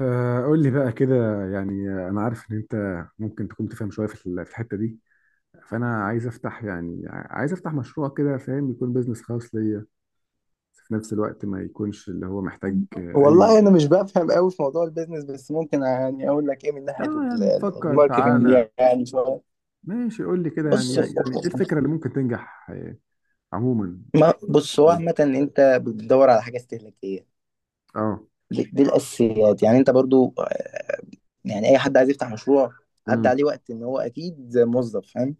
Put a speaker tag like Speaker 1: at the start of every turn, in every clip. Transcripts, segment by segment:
Speaker 1: قول لي بقى كده يعني انا عارف ان انت ممكن تكون تفهم شويه في الحته دي. فانا عايز افتح مشروع كده فاهم، يكون بيزنس خاص ليا، بس في نفس الوقت ما يكونش اللي هو محتاج آه، اي
Speaker 2: والله انا مش بفهم قوي في موضوع البيزنس، بس ممكن يعني اقول لك ايه من ناحيه
Speaker 1: اه، يعني نفكر،
Speaker 2: الماركتنج
Speaker 1: تعالى
Speaker 2: يعني شويه.
Speaker 1: ماشي قول لي كده يعني
Speaker 2: بص،
Speaker 1: يعني يعني ايه الفكره اللي ممكن تنجح عموما.
Speaker 2: ما بص هو عامه انت بتدور على حاجه استهلاكيه.
Speaker 1: اه.
Speaker 2: دي الاساسيات، يعني انت برضو يعني اي حد عايز يفتح مشروع عدى
Speaker 1: امم.
Speaker 2: عليه وقت ان هو اكيد موظف، فاهم.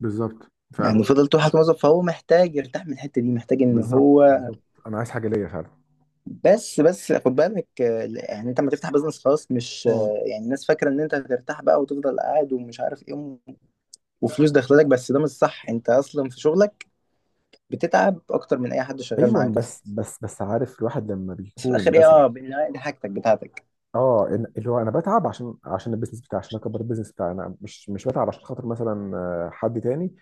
Speaker 1: بالظبط
Speaker 2: يعني
Speaker 1: فعلا.
Speaker 2: فضل طول حياته موظف، فهو محتاج يرتاح من الحته دي، محتاج ان
Speaker 1: بالظبط
Speaker 2: هو
Speaker 1: بالظبط انا عايز حاجه ليا فعلا.
Speaker 2: بس خد بالك يعني انت لما تفتح بزنس خاص مش
Speaker 1: اه.
Speaker 2: يعني الناس فاكره ان انت هترتاح بقى وتفضل قاعد ومش عارف ايه وفلوس داخلك، بس ده مش صح. انت اصلا في شغلك بتتعب اكتر من اي حد شغال
Speaker 1: ايوه
Speaker 2: معاك اصلا.
Speaker 1: بس عارف الواحد لما
Speaker 2: بس في
Speaker 1: بيكون
Speaker 2: الاخر ايه،
Speaker 1: مثلا
Speaker 2: بالنهاية دي حاجتك بتاعتك،
Speaker 1: اللي هو انا بتعب عشان البيزنس بتاعي، عشان اكبر البيزنس بتاعي، انا مش بتعب عشان خاطر مثلا حد تاني.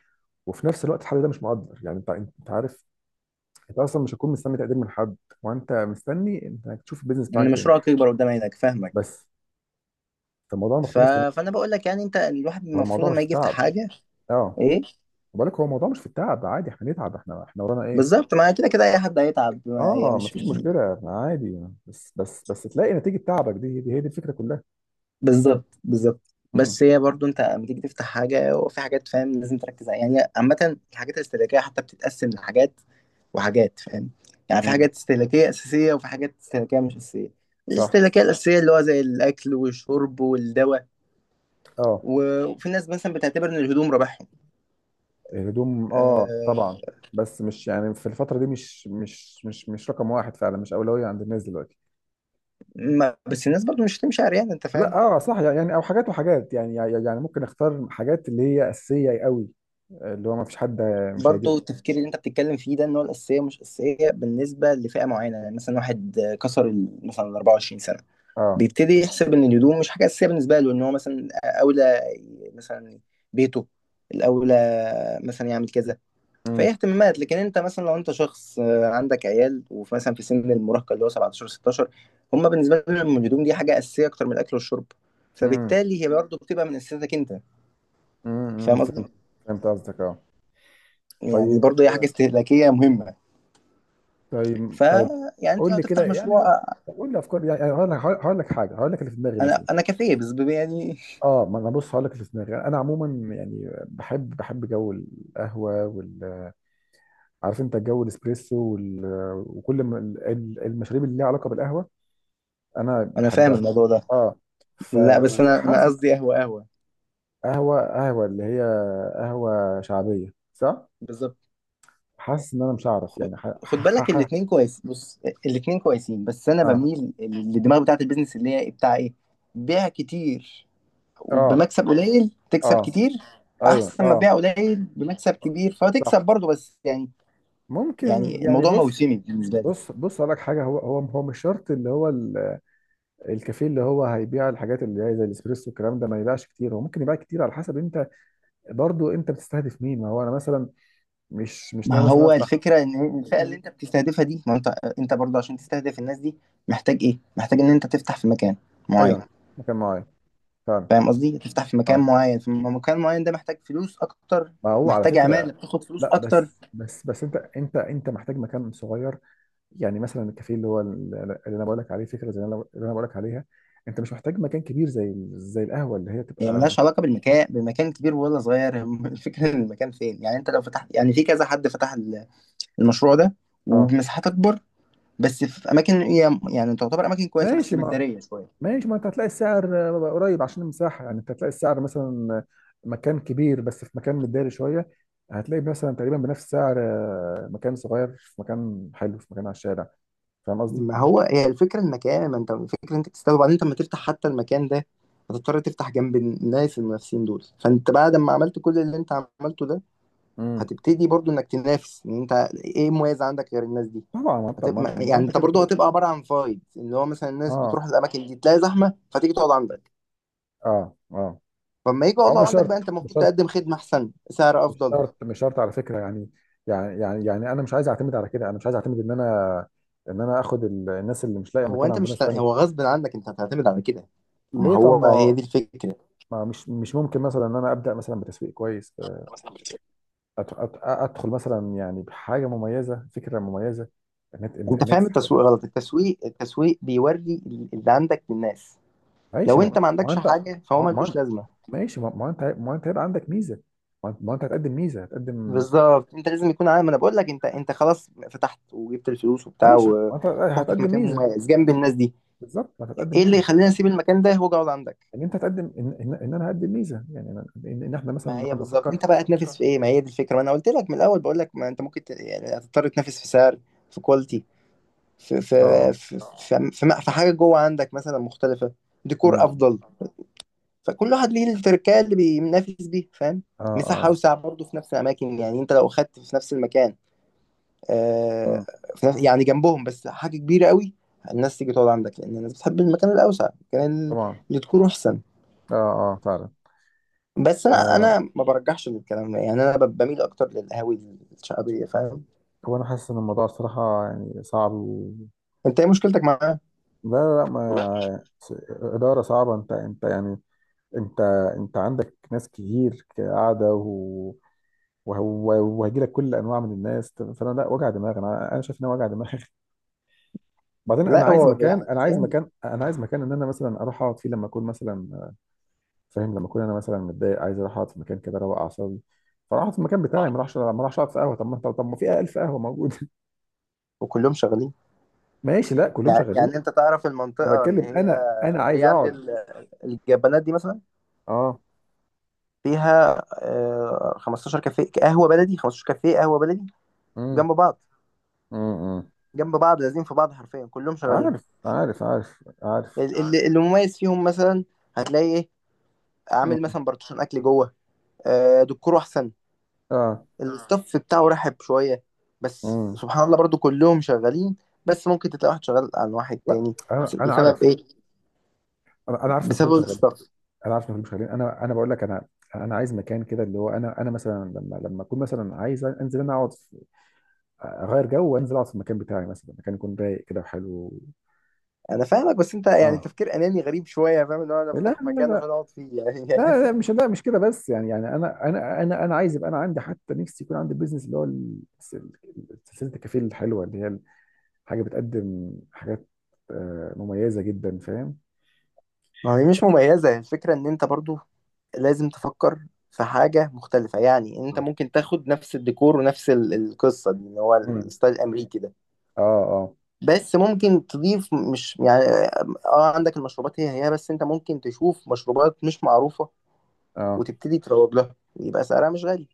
Speaker 1: وفي نفس الوقت الحد ده مش مقدر، يعني انت عارف. انت اصلا مش هتكون مستني تقدير من حد، وانت مستني انك تشوف البيزنس بتاعك
Speaker 2: ان مشروعك
Speaker 1: بينجح
Speaker 2: يكبر قدام عينك، فاهمك.
Speaker 1: بس. فالموضوع
Speaker 2: ف...
Speaker 1: مختلف تماما.
Speaker 2: فانا بقول لك، يعني انت الواحد
Speaker 1: هو
Speaker 2: المفروض
Speaker 1: الموضوع مش
Speaker 2: لما
Speaker 1: في
Speaker 2: يجي يفتح
Speaker 1: التعب.
Speaker 2: حاجه.
Speaker 1: اه.
Speaker 2: ايه،
Speaker 1: بالك، هو الموضوع مش في التعب، عادي احنا نتعب، احنا ورانا ايه.
Speaker 2: بالظبط. ما كده كده اي حد هيتعب، هي
Speaker 1: اه،
Speaker 2: مش.
Speaker 1: مفيش مشكله، عادي بس تلاقي نتيجه تعبك، دي هي دي الفكره كلها.
Speaker 2: بالظبط، بالظبط،
Speaker 1: امم.
Speaker 2: بس هي برضو انت لما تيجي تفتح حاجه وفي حاجات، فاهم لازم تركز عليها. يعني عامه الحاجات الاستهلاكيه حتى بتتقسم لحاجات وحاجات، فاهم. يعني في
Speaker 1: امم،
Speaker 2: حاجات استهلاكية أساسية وفي حاجات استهلاكية مش أساسية.
Speaker 1: صح.
Speaker 2: الاستهلاكية الأساسية اللي هو زي الأكل والشرب والدواء،
Speaker 1: اه.
Speaker 2: وفي ناس مثلا بتعتبر إن الهدوم رباحهم.
Speaker 1: الهدوم، اه طبعا.
Speaker 2: أه،
Speaker 1: بس مش يعني، في الفترة دي مش رقم واحد فعلا، مش أولوية عند الناس دلوقتي.
Speaker 2: ما بس الناس برضو مش هتمشي عريانة، أنت
Speaker 1: لا،
Speaker 2: فاهم.
Speaker 1: اه صح، يعني او حاجات وحاجات، يعني ممكن اختار حاجات اللي هي أساسية قوي، اللي هو ما فيش حد مش هيجيب.
Speaker 2: برضو التفكير اللي أنت بتتكلم فيه ده إن هو الأساسية مش أساسية بالنسبة لفئة معينة. يعني مثلا واحد كسر مثلا ال 24 سنة،
Speaker 1: اه.
Speaker 2: بيبتدي يحسب إن الهدوم مش حاجة أساسية بالنسبة له، إن هو مثلا أولى، مثلا بيته الأولى، مثلا يعمل كذا. فهي
Speaker 1: امم.
Speaker 2: اهتمامات، لكن انت مثلا لو انت شخص عندك عيال ومثلا في سن المراهقه اللي هو 17 16، هم بالنسبه لهم الهدوم دي حاجه اساسيه اكتر من الاكل والشرب.
Speaker 1: امم
Speaker 2: فبالتالي هي برضه بتبقى من اساسيتك انت.
Speaker 1: أمم،
Speaker 2: فاهم قصدي؟
Speaker 1: فهمت. فهمت قصدك اه.
Speaker 2: يعني
Speaker 1: طيب.
Speaker 2: برضه هي حاجه استهلاكيه مهمه.
Speaker 1: طيب
Speaker 2: ف
Speaker 1: طيب.
Speaker 2: يعني انت
Speaker 1: قول
Speaker 2: لو
Speaker 1: لي كده
Speaker 2: تفتح مشروع
Speaker 1: يعني، قول لي افكار يعني، هقول لك حاجه، هقول لك اللي في دماغي
Speaker 2: انا
Speaker 1: مثلا.
Speaker 2: انا كافيه، بس يعني.
Speaker 1: اه، ما انا بص، هقول لك اللي في دماغي، انا عموما يعني بحب بحب جو القهوه، عارف انت الجو، الاسبريسو وكل ما المشاريب اللي ليها علاقه بالقهوه، انا
Speaker 2: انا فاهم
Speaker 1: بحبها.
Speaker 2: الموضوع ده.
Speaker 1: اه. ف
Speaker 2: لا، بس انا قصدي
Speaker 1: وحاسس
Speaker 2: قهوه قهوه.
Speaker 1: قهوه قهوه اللي هي قهوه شعبيه، صح.
Speaker 2: بالظبط.
Speaker 1: حاسس ان انا مش هعرف
Speaker 2: خد
Speaker 1: يعني
Speaker 2: خد بالك، الاثنين كويس. بص، الاثنين كويسين، بس انا
Speaker 1: اه
Speaker 2: بميل للدماغ بتاعت البيزنس اللي هي بتاع ايه؟ بيع كتير،
Speaker 1: اه
Speaker 2: وبمكسب قليل تكسب
Speaker 1: اه،
Speaker 2: كتير.
Speaker 1: ايوه
Speaker 2: احسن ما
Speaker 1: اه.
Speaker 2: تبيع قليل بمكسب كبير فتكسب
Speaker 1: صح.
Speaker 2: برضه، بس يعني،
Speaker 1: ممكن
Speaker 2: يعني
Speaker 1: يعني،
Speaker 2: الموضوع
Speaker 1: بص،
Speaker 2: موسمي بالنسبه لي.
Speaker 1: بص بص اقول لك حاجه، هو مش شرط اللي هو الكافيه اللي هو هيبيع الحاجات اللي هي زي الاسبريسو والكلام ده، ما يبيعش كتير، هو ممكن يبيع كتير على حسب انت، برضو انت بتستهدف مين، ما هو انا مثلا مش
Speaker 2: ما
Speaker 1: ناوي مثلا
Speaker 2: هو
Speaker 1: افتح.
Speaker 2: الفكره ان الفئه اللي انت بتستهدفها دي، ما انت برضه عشان تستهدف الناس دي محتاج ايه، محتاج ان انت تفتح في مكان معين.
Speaker 1: ايوه. مكان معين فعلا.
Speaker 2: فاهم قصدي؟ تفتح في مكان
Speaker 1: اه،
Speaker 2: معين، في مكان معين ده محتاج فلوس اكتر،
Speaker 1: ما هو على
Speaker 2: محتاج
Speaker 1: فكره.
Speaker 2: عماله بتاخد فلوس
Speaker 1: لا،
Speaker 2: اكتر.
Speaker 1: بس انت محتاج مكان صغير، يعني مثلا الكافيه اللي هو اللي انا بقول لك عليه، فكره زي اللي انا بقول لك عليها، انت مش محتاج مكان كبير، زي القهوه اللي هي
Speaker 2: هي
Speaker 1: تبقى
Speaker 2: ملهاش علاقه بالمكان، بمكان كبير ولا صغير. الفكره ان المكان فين. يعني انت لو فتحت، يعني في كذا حد فتح المشروع ده
Speaker 1: اه،
Speaker 2: وبمساحات اكبر، بس في اماكن هي يعني تعتبر اماكن كويسه بس
Speaker 1: ماشي، ما
Speaker 2: مداريه شويه.
Speaker 1: ماشي، ما انت هتلاقي السعر قريب عشان المساحه، يعني انت هتلاقي السعر مثلا آه، مكان كبير بس في مكان متداري شويه، هتلاقي مثلا تقريبا بنفس سعر مكان صغير في مكان حلو، في مكان على الشارع. فاهم قصدي؟
Speaker 2: ما هو هي الفكرة المكان، ما انت الفكرة انت تستوعب، وبعدين انت لما تفتح حتى المكان ده هتضطر تفتح جنب الناس المنافسين دول، فانت بعد ما عملت كل اللي انت عملته ده،
Speaker 1: مم.
Speaker 2: هتبتدي برضو انك تنافس ان انت ايه مميز عندك غير الناس دي.
Speaker 1: طبعا، ما انت ما انت
Speaker 2: هتبقى
Speaker 1: ما
Speaker 2: يعني،
Speaker 1: انت
Speaker 2: انت
Speaker 1: كده
Speaker 2: برضو
Speaker 1: كده.
Speaker 2: هتبقى عبارة عن فايد اللي هو مثلا الناس
Speaker 1: اه
Speaker 2: بتروح الاماكن دي تلاقي زحمة فتيجي تقعد عندك.
Speaker 1: اه اه.
Speaker 2: فلما يجي
Speaker 1: او
Speaker 2: يقعدوا
Speaker 1: مش
Speaker 2: عندك بقى
Speaker 1: شرط،
Speaker 2: انت
Speaker 1: مش
Speaker 2: المفروض
Speaker 1: شرط،
Speaker 2: تقدم خدمة احسن، سعر
Speaker 1: مش
Speaker 2: افضل.
Speaker 1: شرط مش شرط على فكره، يعني يعني انا مش عايز اعتمد على كده، انا مش عايز اعتمد ان انا ان انا اخد الناس اللي مش لاقيه
Speaker 2: هو
Speaker 1: مكان
Speaker 2: انت
Speaker 1: عند ناس
Speaker 2: مش، هو
Speaker 1: تانيه.
Speaker 2: غصب عنك انت هتعتمد على كده، ما
Speaker 1: ليه؟ طب،
Speaker 2: هو هي
Speaker 1: ما
Speaker 2: دي الفكرة.
Speaker 1: مش ممكن مثلا ان انا ابدا مثلا بتسويق كويس، ادخل مثلا يعني بحاجه مميزه، فكره مميزه، ان انت ان
Speaker 2: انت
Speaker 1: إن انت
Speaker 2: فاهم
Speaker 1: تسحب الناس.
Speaker 2: التسويق غلط، التسويق بيوري اللي عندك للناس.
Speaker 1: ماشي،
Speaker 2: لو
Speaker 1: ما
Speaker 2: انت ما
Speaker 1: ما
Speaker 2: عندكش
Speaker 1: انت،
Speaker 2: حاجه فهو
Speaker 1: ما ما-
Speaker 2: ملوش لازمه.
Speaker 1: ماشي، ما انت هيبقى عندك ميزه، ما انت ما أنت هتقدم ميزه،
Speaker 2: بالظبط انت لازم يكون عامل، ما انا بقول لك انت خلاص فتحت وجبت الفلوس وبتاع
Speaker 1: ماشي، انت
Speaker 2: وفتحت في
Speaker 1: هتقدم
Speaker 2: مكان
Speaker 1: ميزه.
Speaker 2: مميز جنب الناس دي،
Speaker 1: بالظبط، ما هتقدم
Speaker 2: ايه اللي
Speaker 1: ميزه.
Speaker 2: يخليني اسيب المكان ده؟ هو جوده عندك.
Speaker 1: ان انت هتقدم، إن انا هقدم ميزه، يعني ان, إن إن احنا مثلا
Speaker 2: ما هي
Speaker 1: نقعد
Speaker 2: بالظبط،
Speaker 1: نفكر.
Speaker 2: انت بقى تنافس في ايه؟ ما هي دي الفكره، ما انا قلت لك من الاول، بقول لك ما انت ممكن يعني هتضطر تنافس في سعر، في كواليتي، في في في
Speaker 1: اه.
Speaker 2: في, في حاجه جوه عندك مثلا مختلفه، ديكور
Speaker 1: امم.
Speaker 2: افضل. فكل واحد ليه التركية اللي بينافس بيها، فاهم.
Speaker 1: اه
Speaker 2: مساحة
Speaker 1: اه.
Speaker 2: أوسع برضه في نفس الأماكن، يعني أنت لو أخدت في نفس المكان آه
Speaker 1: امم.
Speaker 2: في نفس يعني جنبهم، بس حاجة كبيرة قوي. الناس تيجي تقعد عندك لأن الناس بتحب المكان الأوسع، المكان
Speaker 1: طبعا.
Speaker 2: اللي تكون أحسن.
Speaker 1: اه اه فعلا.
Speaker 2: بس أنا
Speaker 1: آه.
Speaker 2: أنا ما برجحش للكلام ده، يعني أنا بميل أكتر للقهاوي الشعبية، فاهم.
Speaker 1: هو انا حاسس ان الموضوع الصراحه يعني صعب
Speaker 2: أنت إيه مشكلتك معاها؟
Speaker 1: لا لا لا،
Speaker 2: لا،
Speaker 1: ما س- اداره صعبه، انت يعني، انت، انت عندك ناس كتير قاعده وهيجي لك كل انواع من الناس، فانا لا، وجع دماغ، انا شايف ان هو وجع دماغ. بعدين
Speaker 2: لا،
Speaker 1: انا عايز
Speaker 2: هو
Speaker 1: مكان انا
Speaker 2: بالعكس
Speaker 1: عايز
Speaker 2: يعني.
Speaker 1: مكان انا عايز مكان ان انا مثلا اروح اقعد فيه لما اكون مثلا فاهم، لما اكون انا مثلا متضايق عايز اروح اقعد في مكان كده اروق اعصابي، فاروح أقعد في المكان بتاعي، ما اروحش ما اروحش اقعد في قهوه. طب ما في 1000 قهوه موجوده.
Speaker 2: وكلهم شغالين.
Speaker 1: ماشي، لا كلهم
Speaker 2: يعني
Speaker 1: شغالين.
Speaker 2: أنت تعرف
Speaker 1: انا
Speaker 2: المنطقة اللي
Speaker 1: بتكلم،
Speaker 2: هي
Speaker 1: انا
Speaker 2: اللي
Speaker 1: عايز
Speaker 2: هي عند
Speaker 1: اقعد.
Speaker 2: الجبانات دي، مثلا
Speaker 1: اه.
Speaker 2: فيها 15 كافيه قهوه بلدي، 15 كافيه قهوه بلدي
Speaker 1: امم.
Speaker 2: جنب بعض،
Speaker 1: امم.
Speaker 2: جنب بعض، لازم في بعض، حرفيا كلهم شغالين.
Speaker 1: عارف عارف عارف عارف.
Speaker 2: اللي مميز فيهم مثلا هتلاقي ايه؟ عامل
Speaker 1: امم.
Speaker 2: مثلا بارتيشن اكل جوه، دكتور احسن،
Speaker 1: اه.
Speaker 2: الستاف بتاعه رحب شويه. بس
Speaker 1: امم.
Speaker 2: سبحان الله برضو كلهم شغالين، بس ممكن تلاقي واحد شغال عن واحد
Speaker 1: لا،
Speaker 2: تاني،
Speaker 1: انا انا
Speaker 2: بسبب
Speaker 1: عارف،
Speaker 2: ايه؟
Speaker 1: انا عارف ان كلهم
Speaker 2: بسبب
Speaker 1: شغالين.
Speaker 2: الستاف.
Speaker 1: انا عارف ان مش، خليني انا بقول لك، انا، انا عايز مكان كده اللي هو انا مثلا لما اكون مثلا عايز انزل انا اقعد اغير جو وانزل اقعد في المكان بتاعي مثلا، مكان يكون رايق كده وحلو.
Speaker 2: انا فاهمك، بس انت يعني
Speaker 1: اه.
Speaker 2: تفكير اناني غريب شويه، فاهم ان هو انا
Speaker 1: لا لا.
Speaker 2: فاتح مكان
Speaker 1: لا.
Speaker 2: عشان اقعد فيه يعني.
Speaker 1: مش كده، بس يعني انا عايز يبقى انا عندي حتى نفسي يكون عندي بيزنس اللي هو سلسله الكافيه الحلوه اللي هي حاجه بتقدم حاجات مميزه جدا، فاهم.
Speaker 2: ما هي مش مميزة، الفكرة ان انت برضو لازم تفكر في حاجة مختلفة. يعني انت ممكن تاخد نفس الديكور ونفس القصة دي اللي هو
Speaker 1: امم.
Speaker 2: الستايل الامريكي ده،
Speaker 1: اه اه
Speaker 2: بس ممكن تضيف. مش يعني اه عندك المشروبات هي هي، بس انت ممكن تشوف مشروبات مش معروفة
Speaker 1: اه.
Speaker 2: وتبتدي تروج لها ويبقى سعرها مش غالي.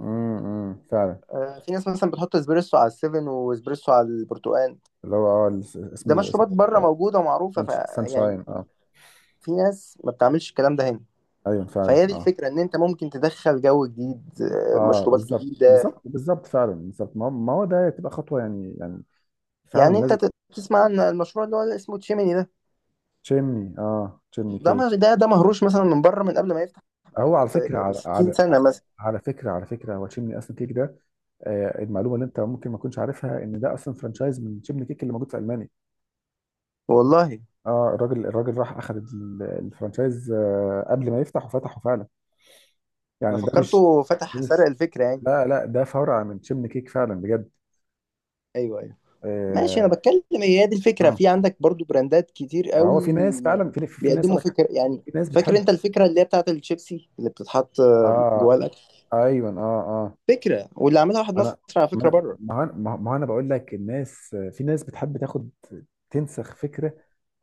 Speaker 1: امم، فعلا.
Speaker 2: في ناس مثلا بتحط اسبريسو على السيفن واسبريسو على البرتقال.
Speaker 1: اللي هو اه
Speaker 2: ده
Speaker 1: اسمه
Speaker 2: مشروبات
Speaker 1: اسمه
Speaker 2: بره موجودة ومعروفة. يعني
Speaker 1: سانشاين اه.
Speaker 2: في ناس ما بتعملش الكلام ده هنا.
Speaker 1: ايوه فعلا اه،
Speaker 2: فهي دي
Speaker 1: فاهم؟
Speaker 2: الفكرة، إن أنت ممكن تدخل جو جديد،
Speaker 1: اه، بس
Speaker 2: مشروبات
Speaker 1: بالظبط
Speaker 2: جديدة.
Speaker 1: بالظبط بالظبط فعلا، بالظبط، ما هو ده تبقى خطوه يعني فعلا
Speaker 2: يعني
Speaker 1: صح،
Speaker 2: أنت
Speaker 1: لازم.
Speaker 2: تسمع عن المشروع اللي هو اللي اسمه تشيميني ده،
Speaker 1: تشيمني اه، تشيمني
Speaker 2: ده
Speaker 1: كيك.
Speaker 2: مه- ده ده مهروش مثلا من بره من قبل ما يفتح
Speaker 1: هو على فكره،
Speaker 2: ب 60 سنة مثلا.
Speaker 1: على فكره هو تشيمني اصلا كيك ده. آه، المعلومه اللي انت ممكن ما تكونش عارفها ان ده اصلا فرانشايز من تشيمني كيك اللي موجود في المانيا.
Speaker 2: والله،
Speaker 1: اه، الراجل راح اخذ الفرانشايز قبل ما يفتح وفتحه فعلا،
Speaker 2: أنا
Speaker 1: يعني ده مش،
Speaker 2: فكرته
Speaker 1: ده
Speaker 2: فتح سرق
Speaker 1: مش،
Speaker 2: الفكرة يعني.
Speaker 1: لا لا ده فرع من تشيمني كيك فعلا بجد.
Speaker 2: أيوه، أيوه. ماشي، أنا
Speaker 1: اه،
Speaker 2: بتكلم هي دي الفكرة،
Speaker 1: آه.
Speaker 2: في عندك برضو براندات كتير
Speaker 1: ما هو
Speaker 2: قوي
Speaker 1: في ناس فعلا، في ناس
Speaker 2: بيقدموا
Speaker 1: قالك،
Speaker 2: فكرة يعني.
Speaker 1: في ناس
Speaker 2: فاكر
Speaker 1: بتحب.
Speaker 2: أنت الفكرة اللي هي بتاعت الشيبسي اللي بتتحط
Speaker 1: اه
Speaker 2: جواها الأكل؟
Speaker 1: ايوه اه اه.
Speaker 2: فكرة، واللي عاملها واحد
Speaker 1: انا،
Speaker 2: مصري على فكرة
Speaker 1: ما،
Speaker 2: بره.
Speaker 1: ما انا بقول لك الناس، في ناس بتحب تاخد، تنسخ فكره،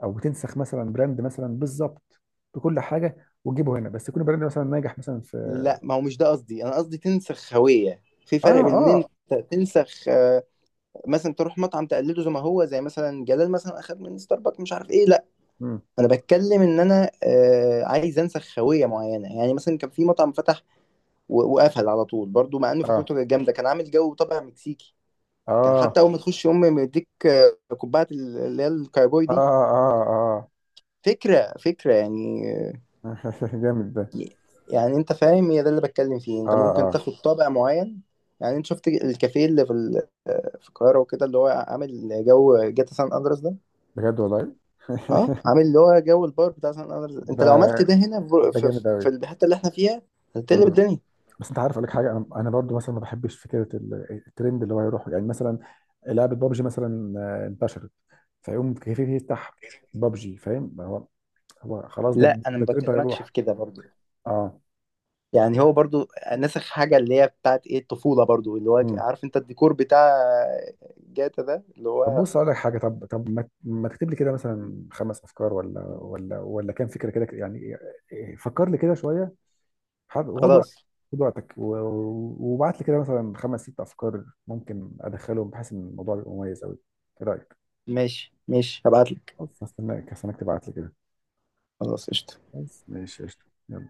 Speaker 1: او تنسخ مثلا براند مثلا، بالظبط، بكل حاجه وتجيبه هنا، بس يكون براند مثلا ناجح مثلا في.
Speaker 2: لا، ما هو مش ده قصدي، انا قصدي تنسخ هوية. في
Speaker 1: اه
Speaker 2: فرق بين
Speaker 1: اه
Speaker 2: ان
Speaker 1: آه.
Speaker 2: انت تنسخ مثلا تروح مطعم تقلده زي ما هو، زي مثلا جلال مثلا اخد من ستاربكس مش عارف ايه. لا،
Speaker 1: مم.
Speaker 2: انا بتكلم ان انا عايز انسخ هوية معينة. يعني مثلا كان في مطعم فتح وقفل على طول برضو، مع انه
Speaker 1: اه
Speaker 2: فكرته كانت جامدة، كان عامل جو طابع مكسيكي. كان
Speaker 1: اه
Speaker 2: حتى اول ما تخش امي مديك كوبايه اللي هي الكايبوي
Speaker 1: اه
Speaker 2: دي.
Speaker 1: اه اه.
Speaker 2: فكرة، فكرة يعني.
Speaker 1: جامد ده.
Speaker 2: يعني انت فاهم، هي ده اللي بتكلم فيه،
Speaker 1: اه
Speaker 2: انت ممكن
Speaker 1: اه.
Speaker 2: تاخد طابع معين. يعني انت شفت الكافيه اللي في في القاهره وكده اللي هو عامل جو جاتا سان اندرس ده،
Speaker 1: بجد والله.
Speaker 2: اه عامل اللي هو جو البار بتاع سان اندرس.
Speaker 1: ده،
Speaker 2: انت لو عملت ده هنا في
Speaker 1: ده
Speaker 2: في
Speaker 1: جامد قوي.
Speaker 2: في الحته اللي احنا فيها، هتقلب الدنيا.
Speaker 1: بس انت عارف، اقول لك حاجه، انا برضو مثلا ما بحبش فكره الترند اللي هو يروح، يعني مثلا لعبه بابجي مثلا انتشرت، فيقوم كيف يفتح بابجي، فاهم، هو، هو خلاص ده
Speaker 2: لا انا
Speaker 1: ده
Speaker 2: ما
Speaker 1: الترند
Speaker 2: بكلمكش
Speaker 1: هيروح.
Speaker 2: في كده برضو،
Speaker 1: اه.
Speaker 2: يعني هو برضو نسخ حاجه اللي هي بتاعت ايه، الطفوله برضو، اللي هو
Speaker 1: امم.
Speaker 2: عارف انت الديكور بتاع جاتا ده اللي
Speaker 1: طب
Speaker 2: هو.
Speaker 1: بص اقول لك حاجه، طب طب ما تكتب لي كده مثلا خمس افكار ولا كام فكره كده يعني، إيه، فكر لي كده شويه. وخد وقت،
Speaker 2: خلاص.
Speaker 1: خد وقتك وابعت لي كده مثلا خمس ست افكار ممكن ادخلهم بحيث ان الموضوع يبقى مميز قوي. ايه رايك؟
Speaker 2: ماشي، ماشي، هبعت لك.
Speaker 1: خلاص، هستناك تبعت لي كده.
Speaker 2: خلاص، قشطه.
Speaker 1: بس ماشي، قشطة، يلا.